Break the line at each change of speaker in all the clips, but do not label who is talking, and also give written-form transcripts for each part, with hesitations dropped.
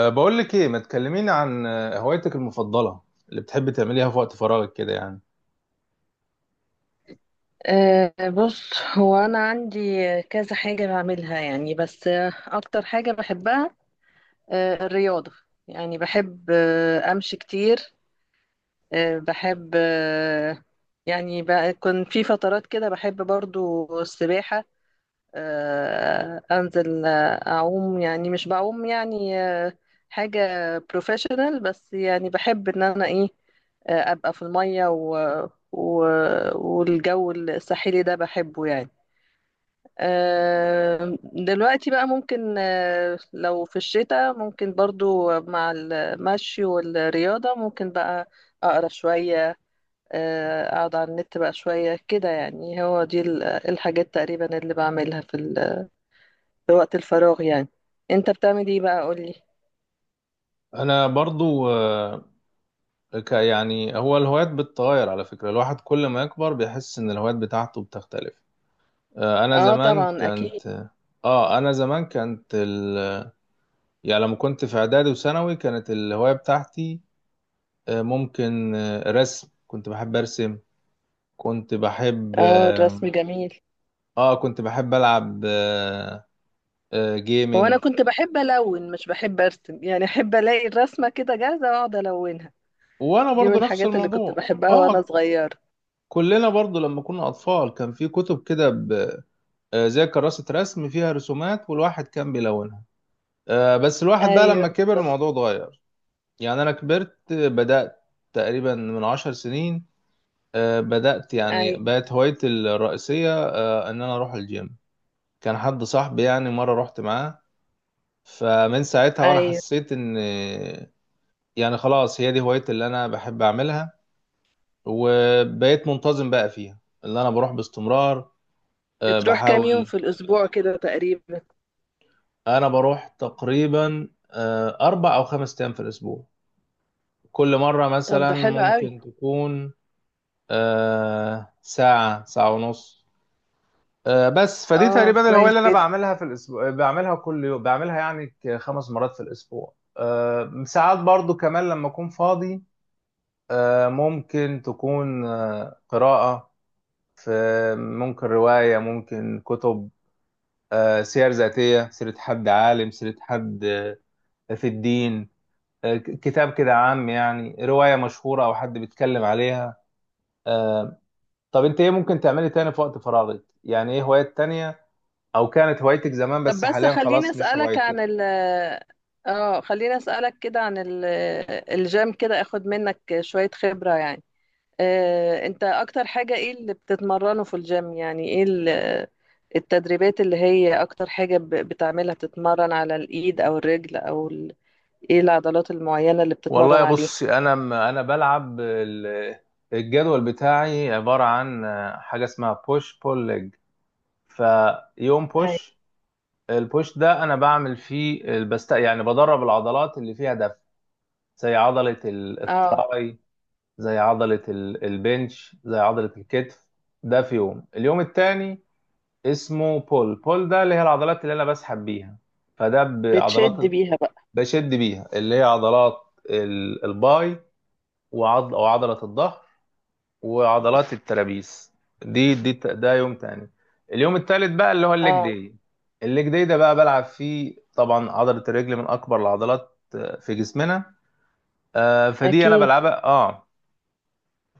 بقول لك ايه، ما تكلميني عن هوايتك المفضله اللي بتحبي تعمليها في وقت فراغك كده يعني.
بص، هو أنا عندي كذا حاجة بعملها يعني، بس أكتر حاجة بحبها الرياضة. يعني بحب أمشي كتير. بحب، كنت في فترات كده بحب برضو السباحة. أنزل، أعوم، يعني مش بعوم يعني حاجة بروفيشنال. بس يعني بحب إن أنا إيه، أبقى في المية، و... والجو الساحلي ده بحبه يعني. دلوقتي بقى ممكن، لو في الشتاء، ممكن برضو مع المشي والرياضة ممكن بقى أقرأ شوية، أقعد على النت بقى شوية كده. يعني هو دي الحاجات تقريبا اللي بعملها في وقت الفراغ يعني. أنت بتعمل إيه بقى، قولي؟
انا برضو، أه، ك يعني هو الهوايات بتتغير على فكره. الواحد كل ما يكبر بيحس ان الهوايات بتاعته بتختلف. أه، انا
اه،
زمان
طبعا أكيد.
كانت اه انا زمان كانت ال. يعني لما كنت في اعدادي وثانوي، كانت الهوايه بتاعتي ممكن رسم. كنت بحب ارسم، كنت بحب
اه، الرسم
اه
جميل.
كنت بحب العب
هو أنا
جيمنج.
كنت بحب ألون، مش بحب أرسم، يعني أحب ألاقي الرسمة كده جاهزة وأقعد ألونها.
وانا
دي من
برضو نفس
الحاجات اللي كنت
الموضوع
بحبها وأنا
اه
صغيرة.
كلنا برضو لما كنا اطفال كان في كتب كده زي كراسة رسم فيها رسومات والواحد كان بيلونها. بس الواحد بقى لما
ايوه.
كبر الموضوع اتغير. يعني انا كبرت، بدأت تقريبا من 10 سنين. بدأت يعني
ايوه.
بقت هوايتي الرئيسية، ان انا اروح الجيم. كان حد صاحبي يعني، مرة رحت معاه، فمن ساعتها وانا
ايوه.
حسيت ان يعني خلاص هي دي هوايتي اللي انا بحب اعملها. وبقيت منتظم بقى فيها، اللي انا بروح باستمرار.
بتروح كام يوم
بحاول.
في الاسبوع كده تقريبا؟
انا بروح تقريبا 4 او 5 ايام في الاسبوع. كل مره
طب
مثلا
ده حلو قوي.
ممكن تكون ساعه، ساعه ونص. بس فدي
اه،
تقريبا الهوايه
كويس
اللي انا
جدا.
بعملها في الاسبوع. بعملها كل يوم، بعملها يعني 5 مرات في الاسبوع. ساعات برضو كمان لما اكون فاضي ممكن تكون قراءه. في ممكن روايه، ممكن كتب، سير ذاتية، سيرة حد عالم، سيرة حد في الدين، كتاب كده عام، يعني رواية مشهورة أو حد بيتكلم عليها آه، طب أنت إيه ممكن تعملي تاني في وقت فراغك؟ يعني إيه هوايات تانية أو كانت هوايتك زمان
طب
بس
بس
حاليا خلاص مش هوايتك؟
خليني اسالك كده عن الجيم كده، اخد منك شويه خبره يعني. انت اكتر حاجه ايه اللي بتتمرنه في الجيم؟ يعني ايه التدريبات اللي هي اكتر حاجه بتعملها؟ بتتمرن على الايد او الرجل ايه العضلات المعينه اللي
والله
بتتمرن
يا
عليها؟
بص، أنا بلعب الجدول بتاعي عبارة عن حاجة اسمها بوش بول ليج. فيوم
ايوه.
بوش، البوش ده أنا بعمل فيه بست، يعني بدرب العضلات اللي فيها دفع، زي عضلة
اه،
التراي، زي عضلة البنش، زي عضلة الكتف. ده في يوم، اليوم التاني اسمه بول. بول ده اللي هي العضلات اللي أنا بسحب بيها. فده بعضلات
بتشد بيها بقى.
بشد بيها، اللي هي عضلات الباي، أو عضلة الظهر، وعضلات الترابيز. ده يوم تاني. اليوم التالت بقى اللي هو
اه،
الليج داي ده بقى بلعب فيه، طبعا عضلة الرجل من أكبر العضلات في جسمنا. فدي أنا
أكيد.
بلعبها اه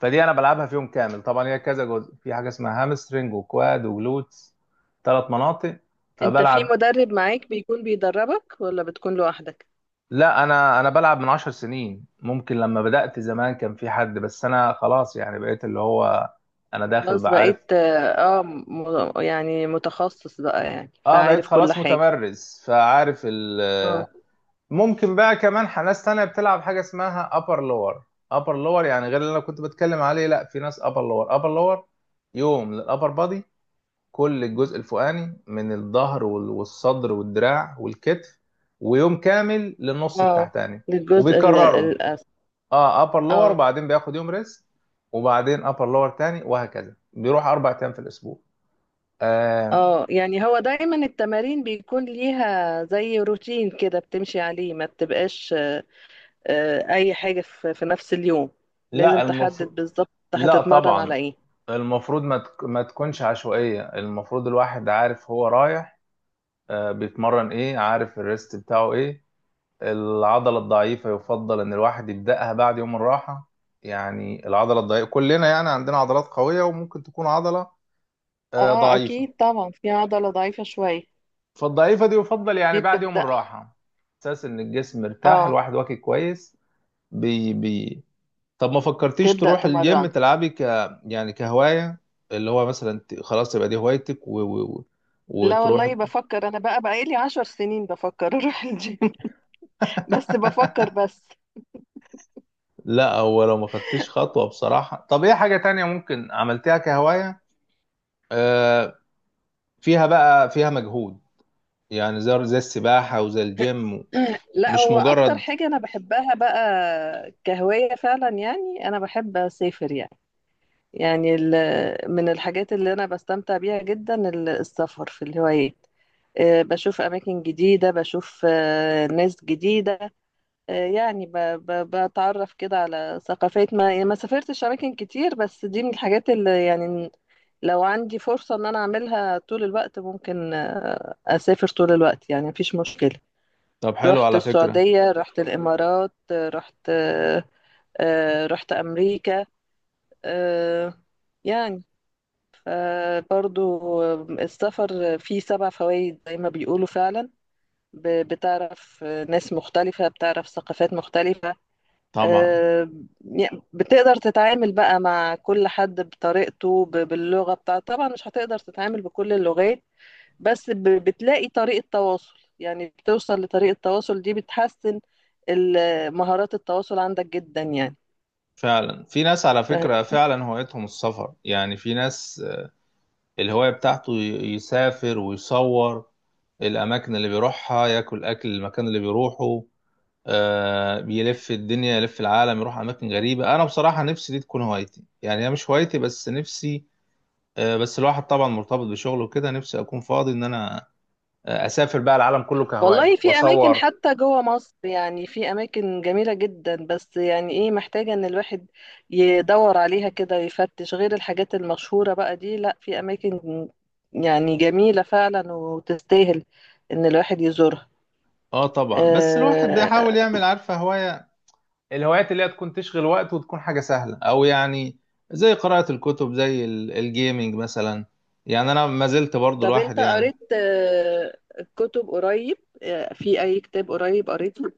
فدي انا بلعبها في يوم كامل، طبعا هي كذا جزء، في حاجه اسمها هامسترنج وكواد وجلوتس، 3 مناطق
أنت في
فبلعب.
مدرب معاك بيكون بيدربك، ولا بتكون لوحدك؟
لا، انا بلعب من 10 سنين. ممكن لما بدأت زمان كان في حد، بس انا خلاص يعني بقيت اللي هو انا داخل
خلاص،
بعرف.
بقيت يعني متخصص بقى، يعني
اه بقيت
فعارف كل
خلاص
حاجة.
متمرس فعارف ال.
اه.
ممكن بقى كمان ناس تانية بتلعب حاجة اسمها upper lower. upper lower يعني غير اللي انا كنت بتكلم عليه. لا في ناس upper lower. يوم للupper body، كل الجزء الفوقاني من الظهر والصدر والدراع والكتف، ويوم كامل للنص
اه،
التحتاني،
للجزء
وبيكرروا.
الأسفل.
اه ابر لور،
اه.
وبعدين بياخد يوم ريست، وبعدين ابر لور تاني، وهكذا بيروح 4 ايام في الاسبوع آه
اه، يعني هو دايما التمارين بيكون ليها زي روتين كده بتمشي عليه، ما بتبقاش أي حاجة في نفس اليوم. لازم
لا المفروض،
تحدد بالظبط
لا
هتتمرن
طبعا.
على ايه.
المفروض ما تكونش عشوائية. المفروض الواحد عارف هو رايح، بيتمرن ايه، عارف الريست بتاعه ايه. العضلة الضعيفة يفضل إن الواحد يبدأها بعد يوم الراحة. يعني العضلة الضعيفة، كلنا يعني عندنا عضلات قوية وممكن تكون عضلة
اه،
ضعيفة.
اكيد طبعا في عضلة ضعيفة شوية.
فالضعيفة دي يفضل يعني
دي
بعد يوم
بتبدأ.
الراحة، أساس إن الجسم مرتاح
اه،
الواحد واكل كويس. بي بي. طب ما فكرتيش
تبدأ
تروح الجيم
تمرن.
تلعبي يعني كهواية، اللي هو مثلا خلاص يبقى دي هوايتك
لا
وتروح.
والله، بفكر انا بقى لي 10 سنين بفكر اروح الجيم. بس بفكر بس.
لا هو لو ما خدتيش خطوة بصراحة. طب ايه حاجة تانية ممكن عملتيها كهواية آه، فيها بقى، فيها مجهود يعني، زي السباحة وزي الجيم،
لا،
مش
هو اكتر
مجرد.
حاجة انا بحبها بقى كهواية فعلا، يعني انا بحب اسافر يعني. يعني من الحاجات اللي انا بستمتع بيها جدا السفر، في الهوايات. بشوف اماكن جديدة، بشوف ناس جديدة، يعني بتعرف كده على ثقافات. ما يعني ما سافرتش اماكن كتير، بس دي من الحاجات اللي يعني لو عندي فرصة ان انا اعملها طول الوقت، ممكن اسافر طول الوقت يعني، مفيش مشكلة.
طب حلو
رحت
على فكرة،
السعودية، رحت الامارات، رحت امريكا. آه، يعني ف- برضو السفر فيه 7 فوائد زي ما بيقولوا فعلا. بتعرف ناس مختلفة، بتعرف ثقافات مختلفة.
طبعا.
آه، يعني بتقدر تتعامل بقى مع كل حد بطريقته، باللغة بتاعته. طبعا مش هتقدر تتعامل بكل اللغات، بس بتلاقي طريقة تواصل، يعني بتوصل لطريقة تواصل، دي بتحسن مهارات التواصل عندك جدا يعني.
فعلا في ناس على
فاهم؟
فكرة فعلا هوايتهم السفر، يعني في ناس الهواية بتاعته يسافر ويصور الأماكن اللي بيروحها، ياكل أكل المكان اللي بيروحه. بيلف الدنيا، يلف العالم، يروح أماكن غريبة. أنا بصراحة نفسي دي تكون هوايتي، يعني هي مش هوايتي بس نفسي. بس الواحد طبعا مرتبط بشغله وكده، نفسي أكون فاضي إن أنا اسافر بقى العالم كله كهوايه
والله، في أماكن
واصور.
حتى جوه مصر يعني، في أماكن جميلة جدا، بس يعني إيه، محتاجة إن الواحد يدور عليها كده ويفتش غير الحاجات المشهورة بقى دي. لا، في أماكن يعني جميلة فعلا، وتستاهل إن الواحد يزورها.
اه طبعا، بس الواحد بيحاول
آه،
يعمل، عارفه، هوايه. الهوايات اللي هي تكون تشغل وقت وتكون حاجه سهله، او يعني زي قراءه الكتب، زي الجيمينج مثلا. يعني انا ما زلت برضو
طب
الواحد
انت
يعني.
قريت كتب قريب؟ في اي كتاب قريب قريته؟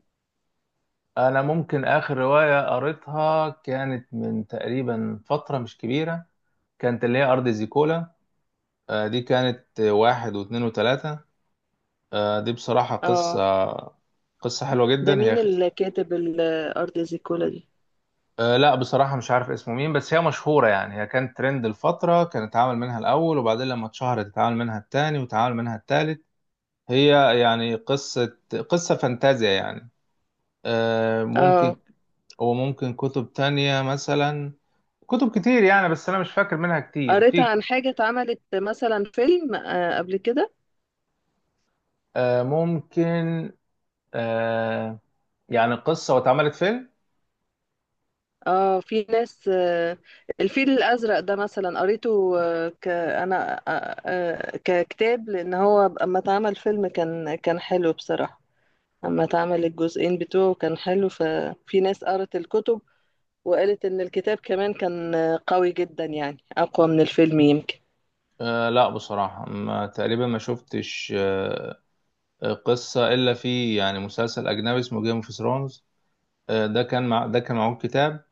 انا ممكن اخر روايه قريتها كانت من تقريبا فتره مش كبيره، كانت اللي هي ارض زيكولا. دي كانت 1 و2 و3. دي بصراحه
اه.
قصه، قصه حلوه
ده
جدا هي.
مين اللي كاتب الارض زي كولا دي؟
لا بصراحة مش عارف اسمه مين، بس هي مشهورة يعني. هي كانت ترند الفترة، كان اتعمل منها الأول، وبعدين لما اتشهرت اتعمل منها التاني، واتعمل منها التالت. هي يعني قصة، قصة فانتازيا يعني.
اه،
ممكن. وممكن كتب تانية مثلا، كتب كتير يعني بس أنا مش فاكر منها كتير.
قريت
في
عن حاجة اتعملت مثلا فيلم قبل كده؟
ممكن أه يعني قصة واتعملت فيلم.
اه، في ناس. الفيل الازرق ده مثلا قريته، آه، ك انا، ككتاب، لان هو اما اتعمل فيلم كان حلو بصراحة. اما اتعمل الجزئين بتوعه كان حلو، ففي ناس قرت الكتب وقالت إن الكتاب كمان كان قوي جدا، يعني أقوى من الفيلم يمكن.
لا بصراحة، ما تقريبا ما شفتش قصة إلا في يعني مسلسل أجنبي اسمه جيم اوف ثرونز. ده كان معه كتاب.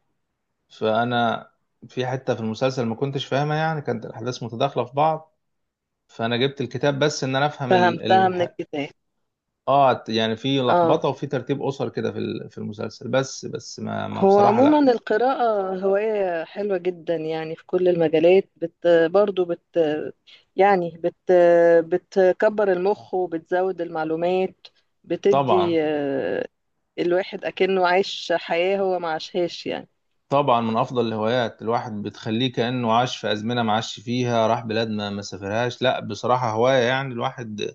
فأنا في حتة في المسلسل ما كنتش فاهمها، يعني كانت الأحداث متداخلة في بعض. فأنا جبت الكتاب بس إن أنا أفهم ال...
فهمتها
ال...
من الكتاب.
يعني في
اه.
لخبطة وفي ترتيب أسر كده في في المسلسل، بس ما
هو
بصراحة لأ.
عموما القراءة هواية حلوة جدا، يعني في كل المجالات برضو يعني بتكبر المخ وبتزود المعلومات،
طبعا،
بتدي الواحد أكنه عايش حياة هو ما عاشهاش يعني.
طبعا من أفضل الهوايات، الواحد بتخليه كأنه عاش في أزمنة ما عاش فيها، راح بلاد ما سافرهاش. لأ بصراحة هواية يعني الواحد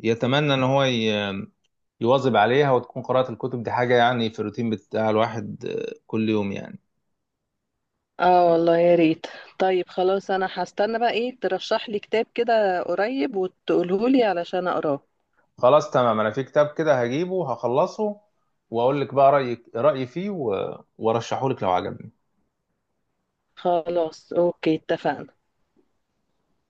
يتمنى إن هو يواظب عليها، وتكون قراءة الكتب دي حاجة يعني في الروتين بتاع الواحد كل يوم يعني.
اه، والله يا ريت. طيب خلاص، انا هستنى بقى ايه ترشح لي كتاب كده قريب وتقوله لي علشان اقراه.
خلاص تمام، أنا في كتاب كده هجيبه، هخلصه وأقول لك بقى رأيي فيه و- وأرشحه لك لو عجبك.
خلاص، اوكي، اتفقنا.